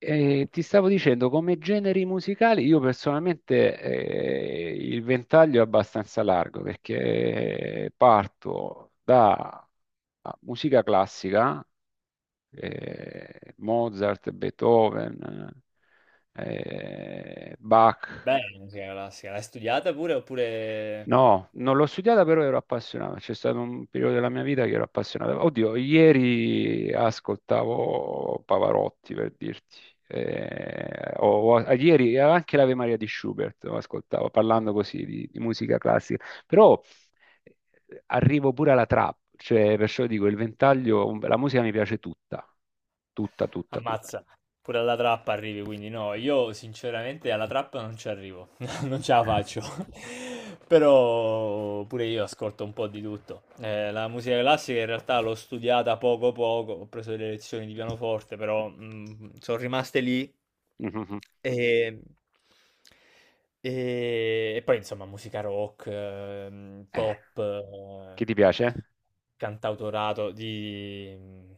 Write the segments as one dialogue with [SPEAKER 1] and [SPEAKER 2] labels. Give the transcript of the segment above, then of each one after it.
[SPEAKER 1] Ti stavo dicendo, come generi musicali, io personalmente il ventaglio è abbastanza largo perché parto da musica classica, Mozart, Beethoven, Bach.
[SPEAKER 2] Bene, sì, la classica. L'hai studiata pure oppure...
[SPEAKER 1] No, non l'ho studiata, però ero appassionato. C'è stato un periodo della mia vita che ero appassionato. Oddio, ieri ascoltavo Pavarotti per dirti. Ieri anche l'Ave Maria di Schubert lo ascoltavo, parlando così di musica classica. Però arrivo pure alla trap, cioè, perciò dico, il ventaglio, la musica mi piace tutta, tutta, tutta, tutta.
[SPEAKER 2] Ammazza, pure alla trappa arrivi, quindi no, io sinceramente alla trappa non ci arrivo. Non ce la faccio. Però pure io ascolto un po' di tutto. La musica classica in realtà l'ho studiata poco poco, ho preso delle lezioni di pianoforte, però sono rimaste lì
[SPEAKER 1] Mhm.
[SPEAKER 2] e, e poi insomma musica rock,
[SPEAKER 1] Eh,
[SPEAKER 2] pop,
[SPEAKER 1] chi ti piace?
[SPEAKER 2] cantautorato di...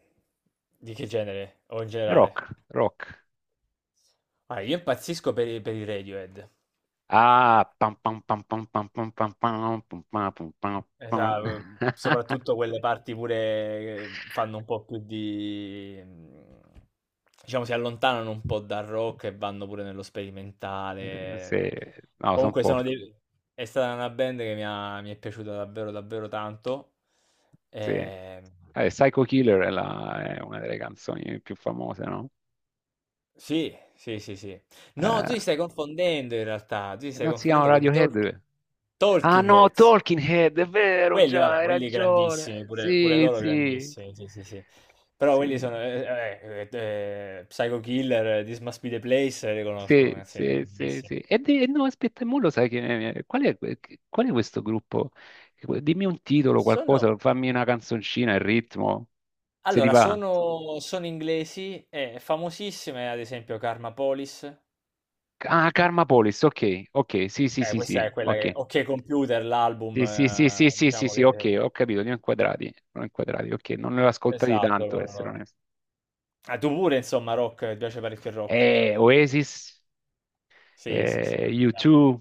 [SPEAKER 2] Di che genere o in generale?
[SPEAKER 1] Rock, rock.
[SPEAKER 2] Ah, io impazzisco per i Radiohead.
[SPEAKER 1] Ah, pam pam pam pam pam pam pam pam pam pam pam pam pam.
[SPEAKER 2] Esa soprattutto quelle parti pure che fanno un po' più di diciamo si allontanano un po' dal rock e vanno pure nello sperimentale.
[SPEAKER 1] Sì,
[SPEAKER 2] Mhmm.
[SPEAKER 1] no, sono
[SPEAKER 2] Comunque sono
[SPEAKER 1] forti.
[SPEAKER 2] dei è stata una band che mi è piaciuta davvero, davvero tanto.
[SPEAKER 1] Sì.
[SPEAKER 2] Ehm,
[SPEAKER 1] Psycho Killer è, è una delle canzoni più famose, no?
[SPEAKER 2] sì, sì, sì, sì. No, tu ti
[SPEAKER 1] Eh,
[SPEAKER 2] stai confondendo in realtà, tu ti stai
[SPEAKER 1] Non si chiama
[SPEAKER 2] confondendo con i
[SPEAKER 1] Radiohead. Ah
[SPEAKER 2] Talking
[SPEAKER 1] no,
[SPEAKER 2] Heads.
[SPEAKER 1] Talking Head, è vero,
[SPEAKER 2] Quelli,
[SPEAKER 1] già,
[SPEAKER 2] vabbè,
[SPEAKER 1] hai
[SPEAKER 2] quelli grandissimi,
[SPEAKER 1] ragione.
[SPEAKER 2] pure, pure
[SPEAKER 1] Sì,
[SPEAKER 2] loro
[SPEAKER 1] sì,
[SPEAKER 2] grandissimi, sì, sì, sì. Però quelli
[SPEAKER 1] sì.
[SPEAKER 2] sono, Psycho Killer, This Must Be the Place, li conosco,
[SPEAKER 1] Sì,
[SPEAKER 2] ragazzi, sono
[SPEAKER 1] sì, sì,
[SPEAKER 2] bellissimi.
[SPEAKER 1] sì. E no, aspetta, mo lo sai che... Qual è questo gruppo? Dimmi un titolo, qualcosa,
[SPEAKER 2] Sono,
[SPEAKER 1] fammi una canzoncina, il ritmo, se ti
[SPEAKER 2] allora,
[SPEAKER 1] va.
[SPEAKER 2] sono, sono inglesi, e famosissime, ad esempio, Karma Police.
[SPEAKER 1] Ah, Karma Police, ok, ok, sì, sì, sì,
[SPEAKER 2] Questa
[SPEAKER 1] sì,
[SPEAKER 2] è quella che,
[SPEAKER 1] ok.
[SPEAKER 2] Ok Computer, l'album,
[SPEAKER 1] Sì, sì, sì, sì, sì, sì,
[SPEAKER 2] diciamo
[SPEAKER 1] sì,
[SPEAKER 2] che,
[SPEAKER 1] ok, ho capito, li ho inquadrati, ok, non ne ho ascoltati
[SPEAKER 2] esatto,
[SPEAKER 1] tanto, per
[SPEAKER 2] loro,
[SPEAKER 1] essere
[SPEAKER 2] loro.
[SPEAKER 1] onesto.
[SPEAKER 2] Ah, tu pure, insomma, rock, ti piace parecchio il rock?
[SPEAKER 1] Oasis,
[SPEAKER 2] Sì, sì, sì, vabbè, chiaro.
[SPEAKER 1] U2,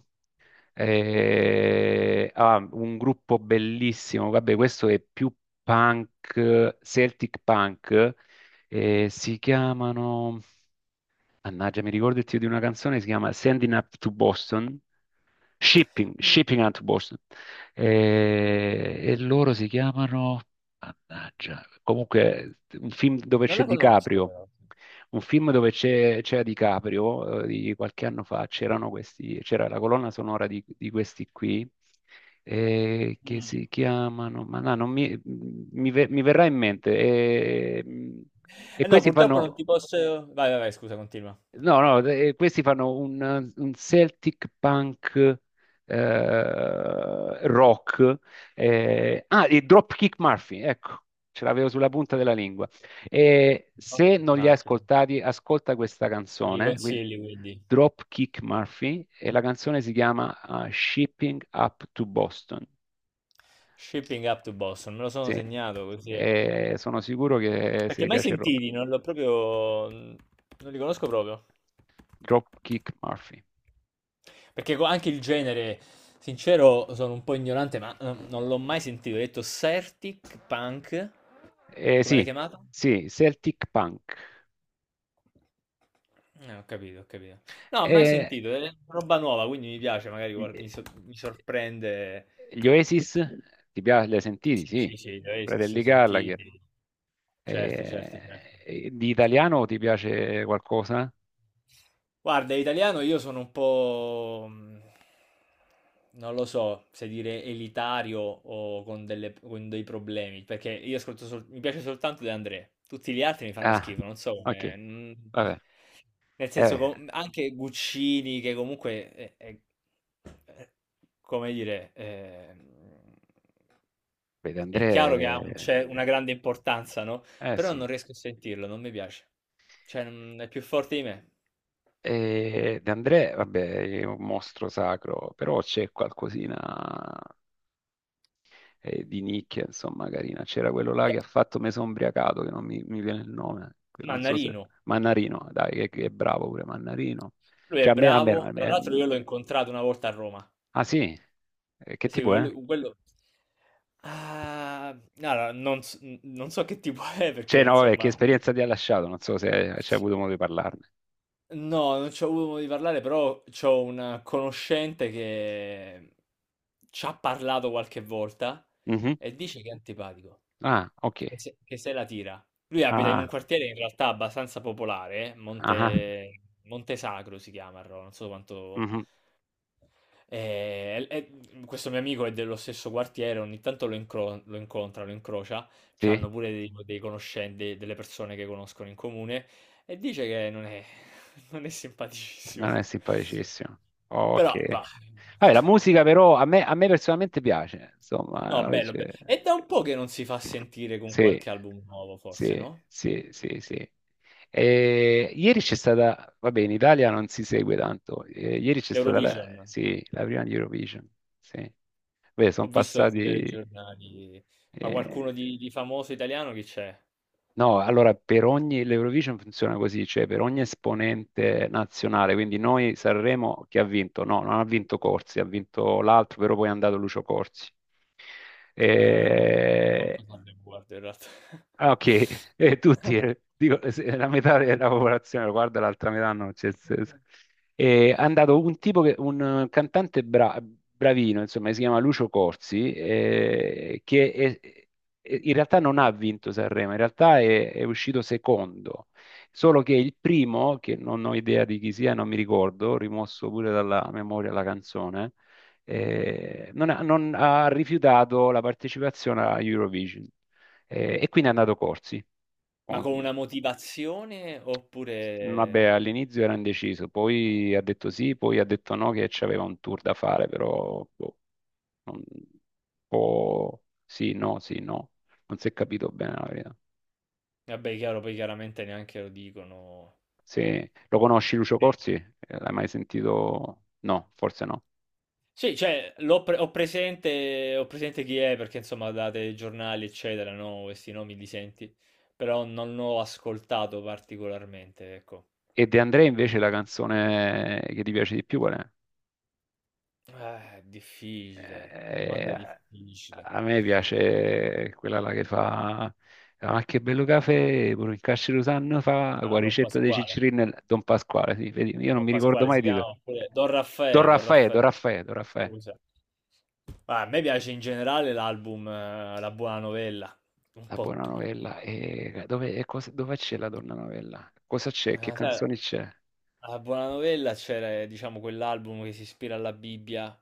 [SPEAKER 1] Un gruppo bellissimo, vabbè, questo è più punk, Celtic punk, si chiamano, mannaggia, mi ricordo il titolo di una canzone, si chiama Sending Up to Boston, Shipping, Shipping Hunt Wars. E, loro si chiamano, mannaggia, comunque un film dove
[SPEAKER 2] Non
[SPEAKER 1] c'è
[SPEAKER 2] la conosco,
[SPEAKER 1] DiCaprio,
[SPEAKER 2] però.
[SPEAKER 1] un film dove c'era DiCaprio, di qualche anno fa, c'erano questi, c'era la colonna sonora di questi qui, che
[SPEAKER 2] Mm.
[SPEAKER 1] si chiamano, ma no, non mi verrà in mente, e
[SPEAKER 2] Eh no,
[SPEAKER 1] questi
[SPEAKER 2] purtroppo non
[SPEAKER 1] fanno...
[SPEAKER 2] ti posso... Vai, vai, vai, scusa, continua.
[SPEAKER 1] No, no, questi fanno un Celtic punk rock. I Dropkick Murphy, ecco, ce l'avevo sulla punta della lingua. E se non li hai
[SPEAKER 2] Smartphone.
[SPEAKER 1] ascoltati, ascolta questa
[SPEAKER 2] Me li
[SPEAKER 1] canzone, quindi
[SPEAKER 2] consigli, quindi.
[SPEAKER 1] Dropkick Murphy, e la canzone si chiama Shipping Up to Boston.
[SPEAKER 2] Shipping up to Boston, me lo sono
[SPEAKER 1] Sì,
[SPEAKER 2] segnato così. È-
[SPEAKER 1] e sono sicuro che se
[SPEAKER 2] Perché
[SPEAKER 1] ti
[SPEAKER 2] mai
[SPEAKER 1] piace il rock.
[SPEAKER 2] sentiti, non l'ho proprio... Non li conosco proprio.
[SPEAKER 1] Dropkick Murphy.
[SPEAKER 2] Perché co- anche il genere, sincero, sono un po' ignorante, ma non l'ho mai sentito. Ho detto Certic Punk, come l'hai
[SPEAKER 1] Sì,
[SPEAKER 2] chiamata?
[SPEAKER 1] sì, Celtic punk.
[SPEAKER 2] Ho capito, ho capito. No, mai
[SPEAKER 1] E
[SPEAKER 2] sentito, è roba nuova, quindi mi piace, magari
[SPEAKER 1] gli
[SPEAKER 2] guard- mi, so- mi sorprende
[SPEAKER 1] gli Oasis, ti piace, li hai sentiti?
[SPEAKER 2] Sì, sì,
[SPEAKER 1] Sì,
[SPEAKER 2] sì, lei si
[SPEAKER 1] Fratelli
[SPEAKER 2] si sentì
[SPEAKER 1] Gallagher.
[SPEAKER 2] certo, certo,
[SPEAKER 1] Eh,
[SPEAKER 2] certo.
[SPEAKER 1] e di italiano ti piace qualcosa?
[SPEAKER 2] Guarda, italiano io sono un po', non lo so se dire elitario o con, delle- con dei problemi, perché io ascolto sol- mi piace soltanto De André, tutti gli altri mi fanno
[SPEAKER 1] Ah,
[SPEAKER 2] schifo, non so
[SPEAKER 1] ok,
[SPEAKER 2] come... mm,
[SPEAKER 1] vabbè.
[SPEAKER 2] nel senso,
[SPEAKER 1] Eh,
[SPEAKER 2] com- anche Guccini, che comunque è- come dire,
[SPEAKER 1] beh, De André,
[SPEAKER 2] è chiaro che ha un cer- una grande importanza, no?
[SPEAKER 1] eh
[SPEAKER 2] Però non
[SPEAKER 1] sì.
[SPEAKER 2] riesco a sentirlo, non mi piace. Cioè, non- è più forte di me.
[SPEAKER 1] De André, vabbè, è un mostro sacro, però c'è qualcosina di nicchia, insomma, carina. C'era quello là che
[SPEAKER 2] Cioè,
[SPEAKER 1] ha fatto Me son ubriacato, che non mi viene il nome, che non so se...
[SPEAKER 2] Mannarino,
[SPEAKER 1] Mannarino, dai, che è bravo pure Mannarino.
[SPEAKER 2] lui è
[SPEAKER 1] Cioè, a me, almeno...
[SPEAKER 2] bravo, tra l'altro io l'ho incontrato una volta a Roma.
[SPEAKER 1] Ah, sì? Che
[SPEAKER 2] Eh sì,
[SPEAKER 1] tipo è?
[SPEAKER 2] quello... quello- Ah, allora, non, s- non so che tipo è
[SPEAKER 1] Cioè,
[SPEAKER 2] perché,
[SPEAKER 1] no, vabbè, che
[SPEAKER 2] insomma,
[SPEAKER 1] esperienza ti ha lasciato? Non so se hai c'hai avuto modo di parlarne.
[SPEAKER 2] no, non ci ho avuto modo di parlare, però c'ho una conoscente che ci ha parlato qualche volta
[SPEAKER 1] Mhm.
[SPEAKER 2] e dice che è antipatico,
[SPEAKER 1] Ah, ok.
[SPEAKER 2] che se la tira. Lui abita in un
[SPEAKER 1] Ah,
[SPEAKER 2] quartiere in realtà abbastanza popolare,
[SPEAKER 1] ah,
[SPEAKER 2] Monte, Monte Sacro si chiama, a Roma, non so quanto...
[SPEAKER 1] mhm.
[SPEAKER 2] E- e- Questo mio amico è dello stesso quartiere, ogni tanto lo, incro- lo incontra, lo incrocia,
[SPEAKER 1] Sì,
[SPEAKER 2] c'hanno pure dei, dei conoscenti, delle persone che conoscono in comune e dice che non è, non è simpaticissimo.
[SPEAKER 1] non è simpaticissimo.
[SPEAKER 2] Però
[SPEAKER 1] Ok.
[SPEAKER 2] va.
[SPEAKER 1] Vabbè, la
[SPEAKER 2] Eh,
[SPEAKER 1] musica però a me personalmente piace, insomma,
[SPEAKER 2] No, bello, bello.
[SPEAKER 1] invece-
[SPEAKER 2] È da un po' che non si fa sentire con
[SPEAKER 1] Sì,
[SPEAKER 2] qualche album nuovo, forse,
[SPEAKER 1] sì,
[SPEAKER 2] no?
[SPEAKER 1] sì, sì, sì. E ieri c'è stata, vabbè, in Italia non si segue tanto. Ieri c'è stata la,
[SPEAKER 2] L'Eurovision.
[SPEAKER 1] sì, la prima di Eurovision. Sì. Beh,
[SPEAKER 2] Ho
[SPEAKER 1] sono
[SPEAKER 2] visto sui
[SPEAKER 1] passati.
[SPEAKER 2] telegiornali. Ma
[SPEAKER 1] eh,
[SPEAKER 2] qualcuno di famoso italiano chi c'è?
[SPEAKER 1] No, allora per ogni l'Eurovision funziona così, cioè per ogni esponente nazionale, quindi noi Sanremo che ha vinto? No, non ha vinto Corsi, ha vinto l'altro, però poi è andato Lucio Corsi.
[SPEAKER 2] Non ho
[SPEAKER 1] Eh,
[SPEAKER 2] manco tanto guardo in realtà.
[SPEAKER 1] Ok. Tutti, dico, la metà della popolazione lo guarda, l'altra metà no. c'è- c'è- c'è. È andato un tipo, che, un cantante bravino, insomma, si chiama Lucio Corsi, che in realtà non ha vinto Sanremo, in realtà è uscito secondo, solo che il primo, che non ho idea di chi sia, non mi ricordo, rimosso pure dalla memoria la canzone, non ha rifiutato la partecipazione a Eurovision. E quindi è andato Corsi.
[SPEAKER 2] Ma
[SPEAKER 1] Con-
[SPEAKER 2] con
[SPEAKER 1] mm,
[SPEAKER 2] una motivazione
[SPEAKER 1] Vabbè,
[SPEAKER 2] oppure...
[SPEAKER 1] all'inizio era indeciso, poi ha detto sì, poi ha detto no, che c'aveva un tour da fare, però boh, un po' sì, no, sì, no. Non si è capito bene la verità.
[SPEAKER 2] Vabbè, chiaro, poi chiaramente neanche lo dicono.
[SPEAKER 1] Se lo conosci Lucio
[SPEAKER 2] Sì,
[SPEAKER 1] Corsi? L'hai mai sentito? No, forse no.
[SPEAKER 2] sì, cioè, l'ho pre- ho presente chi è perché insomma date giornali, eccetera, no? Questi nomi li senti, però non l'ho ascoltato particolarmente, ecco.
[SPEAKER 1] E De André invece la canzone che ti piace di più qual è?
[SPEAKER 2] Difficile, domanda
[SPEAKER 1] Eh,
[SPEAKER 2] difficile.
[SPEAKER 1] a me piace quella là che fa Ma che bello caffè, pure il Cascirutano fa
[SPEAKER 2] Ah, Don
[SPEAKER 1] Guaricetta dei
[SPEAKER 2] Pasquale.
[SPEAKER 1] Ciccirini e Don Pasquale, sì, vedi, io non
[SPEAKER 2] Don
[SPEAKER 1] mi ricordo
[SPEAKER 2] Pasquale
[SPEAKER 1] mai
[SPEAKER 2] si
[SPEAKER 1] il titolo.
[SPEAKER 2] chiama, oppure Don
[SPEAKER 1] Don
[SPEAKER 2] Raffaele, Don
[SPEAKER 1] Raffaè, Don
[SPEAKER 2] Raffaele,
[SPEAKER 1] Raffaè, Don Raffaè,
[SPEAKER 2] scusa. Ma a me piace in generale l'album La Buona Novella, un
[SPEAKER 1] la
[SPEAKER 2] po'
[SPEAKER 1] buona
[SPEAKER 2] tutto.
[SPEAKER 1] novella. Dove c'è la donna novella? Cosa c'è? Che
[SPEAKER 2] Sai,
[SPEAKER 1] canzoni c'è?
[SPEAKER 2] alla Buona Novella c'era, diciamo, quell'album che si ispira alla Bibbia,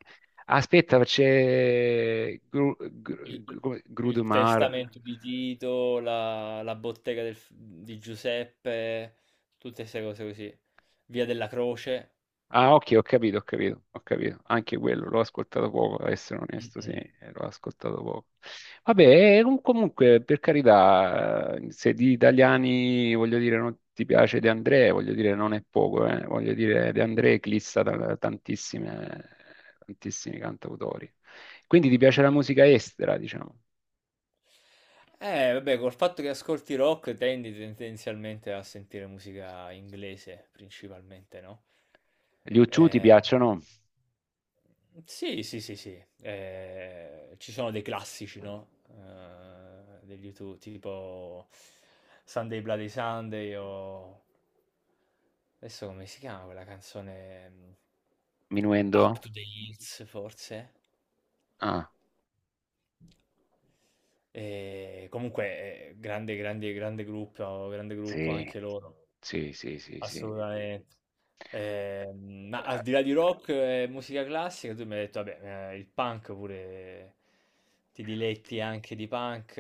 [SPEAKER 1] Aspetta, c'è
[SPEAKER 2] il, il
[SPEAKER 1] Grudemar.
[SPEAKER 2] Testamento di Tito, la, la Bottega del- di Giuseppe, tutte queste cose così. Via della Croce.
[SPEAKER 1] Ah, ok, ho capito, ho capito, ho capito. Anche quello l'ho ascoltato poco, a essere onesto, sì, l'ho ascoltato poco. Vabbè, comunque, per carità, se di italiani, voglio dire, non ti piace De André, voglio dire, non è poco, eh. Voglio dire, De André eclissa tantissimi cantautori. Quindi ti piace la musica estera, diciamo.
[SPEAKER 2] Vabbè, col fatto che ascolti rock tendi tendenzialmente a sentire musica inglese principalmente, no?
[SPEAKER 1] Gli U2 ti
[SPEAKER 2] Eh,
[SPEAKER 1] piacciono?
[SPEAKER 2] sì, sì, sì, sì. Ci sono dei classici, no? Degli YouTube, tipo Sunday Bloody Sunday o... Adesso come si chiama quella canzone? Up
[SPEAKER 1] Minuendo?
[SPEAKER 2] to the Hills, forse?
[SPEAKER 1] Ah,
[SPEAKER 2] E comunque, grande, grande, grande gruppo
[SPEAKER 1] sì,
[SPEAKER 2] anche loro.
[SPEAKER 1] sì, sì, sì, sì.
[SPEAKER 2] Assolutamente. Ma al di là di rock e musica classica, tu mi hai detto, vabbè, il punk pure ti diletti anche di punk.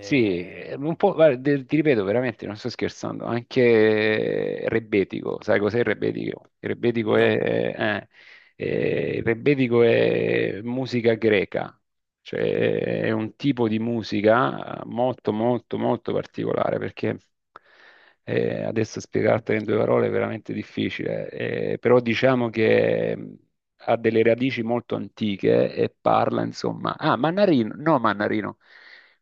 [SPEAKER 1] Sì, un po', guarda, ti ripeto veramente, non sto scherzando, anche Rebetico, sai cos'è il Rebetico? Il Rebetico
[SPEAKER 2] no,
[SPEAKER 1] è musica greca, cioè è un tipo di musica molto molto molto particolare, perché adesso spiegartela in due parole è veramente difficile, però diciamo che ha delle radici molto antiche e parla insomma... Ah, Mannarino, no Mannarino.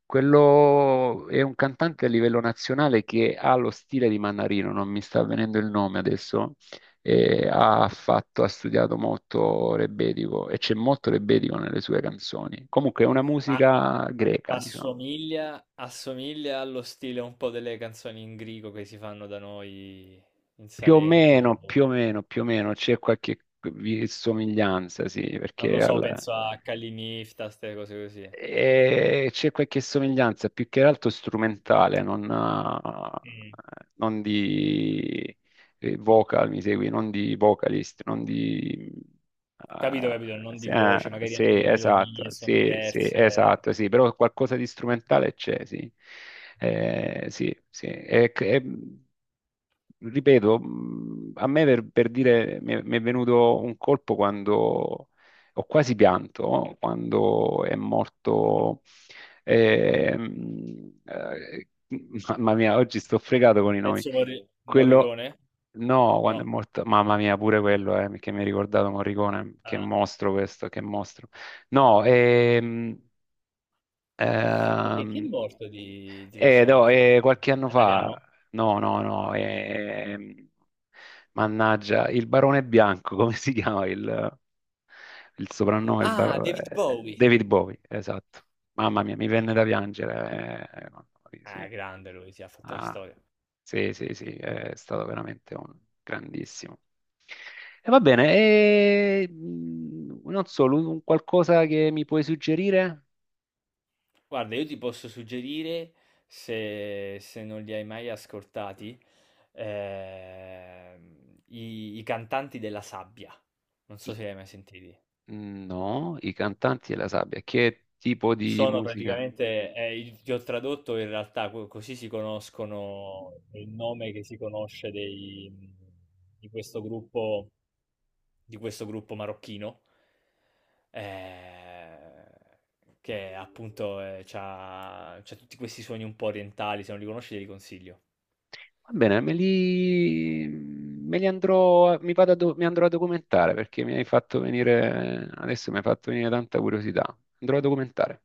[SPEAKER 1] Quello è un cantante a livello nazionale che ha lo stile di Mannarino, non mi sta venendo il nome adesso. Ha studiato molto rebetiko e c'è molto rebetiko nelle sue canzoni. Comunque è una
[SPEAKER 2] ma,
[SPEAKER 1] musica greca,
[SPEAKER 2] ma
[SPEAKER 1] diciamo.
[SPEAKER 2] assomiglia, assomiglia allo stile un po' delle canzoni in grigo che si fanno da noi in
[SPEAKER 1] Più o meno,
[SPEAKER 2] Salento.
[SPEAKER 1] più o meno, più o meno c'è qualche somiglianza, sì,
[SPEAKER 2] Non
[SPEAKER 1] perché
[SPEAKER 2] lo so,
[SPEAKER 1] al-
[SPEAKER 2] penso a Calinifta, queste cose così.
[SPEAKER 1] E c'è qualche somiglianza, più che altro strumentale, non, eh,
[SPEAKER 2] Mm.
[SPEAKER 1] non di vocal, mi segui, non di vocalist, non di...
[SPEAKER 2] Capito,
[SPEAKER 1] Eh,
[SPEAKER 2] capito, non
[SPEAKER 1] sì,
[SPEAKER 2] di voce, magari
[SPEAKER 1] sì,
[SPEAKER 2] anche le
[SPEAKER 1] esatto,
[SPEAKER 2] melodie sono
[SPEAKER 1] sì, sì,
[SPEAKER 2] diverse.
[SPEAKER 1] esatto, sì, però qualcosa di strumentale c'è, sì. Sì, sì. Ripeto, a me per dire mi è venuto un colpo quando ho quasi pianto, no? Quando è morto, ehm, eh, mamma mia, oggi sto fregato con i nomi.
[SPEAKER 2] Enzo Morri-
[SPEAKER 1] Quello,
[SPEAKER 2] Morricone?
[SPEAKER 1] no, quando è
[SPEAKER 2] No.
[SPEAKER 1] morto, mamma mia, pure quello, che mi ha ricordato Morricone, che
[SPEAKER 2] Ah.
[SPEAKER 1] mostro questo, che mostro. No,
[SPEAKER 2] Perché chi è
[SPEAKER 1] ehm,
[SPEAKER 2] morto di
[SPEAKER 1] no,
[SPEAKER 2] recente? Di...
[SPEAKER 1] qualche anno fa,
[SPEAKER 2] Italiano?
[SPEAKER 1] no, no, no, mannaggia, il Barone Bianco, come si chiama il soprannome?
[SPEAKER 2] Ah, David Bowie.
[SPEAKER 1] David Bowie, esatto. Mamma mia, mi venne da piangere. Mamma mia,
[SPEAKER 2] Ah,
[SPEAKER 1] sì.
[SPEAKER 2] grande lui, si ha fatto la
[SPEAKER 1] Ah,
[SPEAKER 2] storia.
[SPEAKER 1] sì, sì, sì, è stato veramente un grandissimo. E va bene, non so, un qualcosa che mi puoi suggerire?
[SPEAKER 2] Guarda, io ti posso suggerire, se, se non li hai mai ascoltati, i, i cantanti della sabbia. Non
[SPEAKER 1] I
[SPEAKER 2] so se li hai mai sentiti.
[SPEAKER 1] No, i cantanti e la sabbia. Che tipo di
[SPEAKER 2] Sono
[SPEAKER 1] musica?
[SPEAKER 2] praticamente il ti ho tradotto in realtà co così si conoscono è il nome che si conosce dei di questo gruppo di questo gruppo marocchino, ehm, che appunto, c'ha tutti questi suoni un po' orientali, se non li conosci te li consiglio.
[SPEAKER 1] Va bene, me li andrò, a- mi vado a do- mi andrò a documentare perché mi hai fatto venire, adesso mi hai fatto venire tanta curiosità. Andrò a documentare.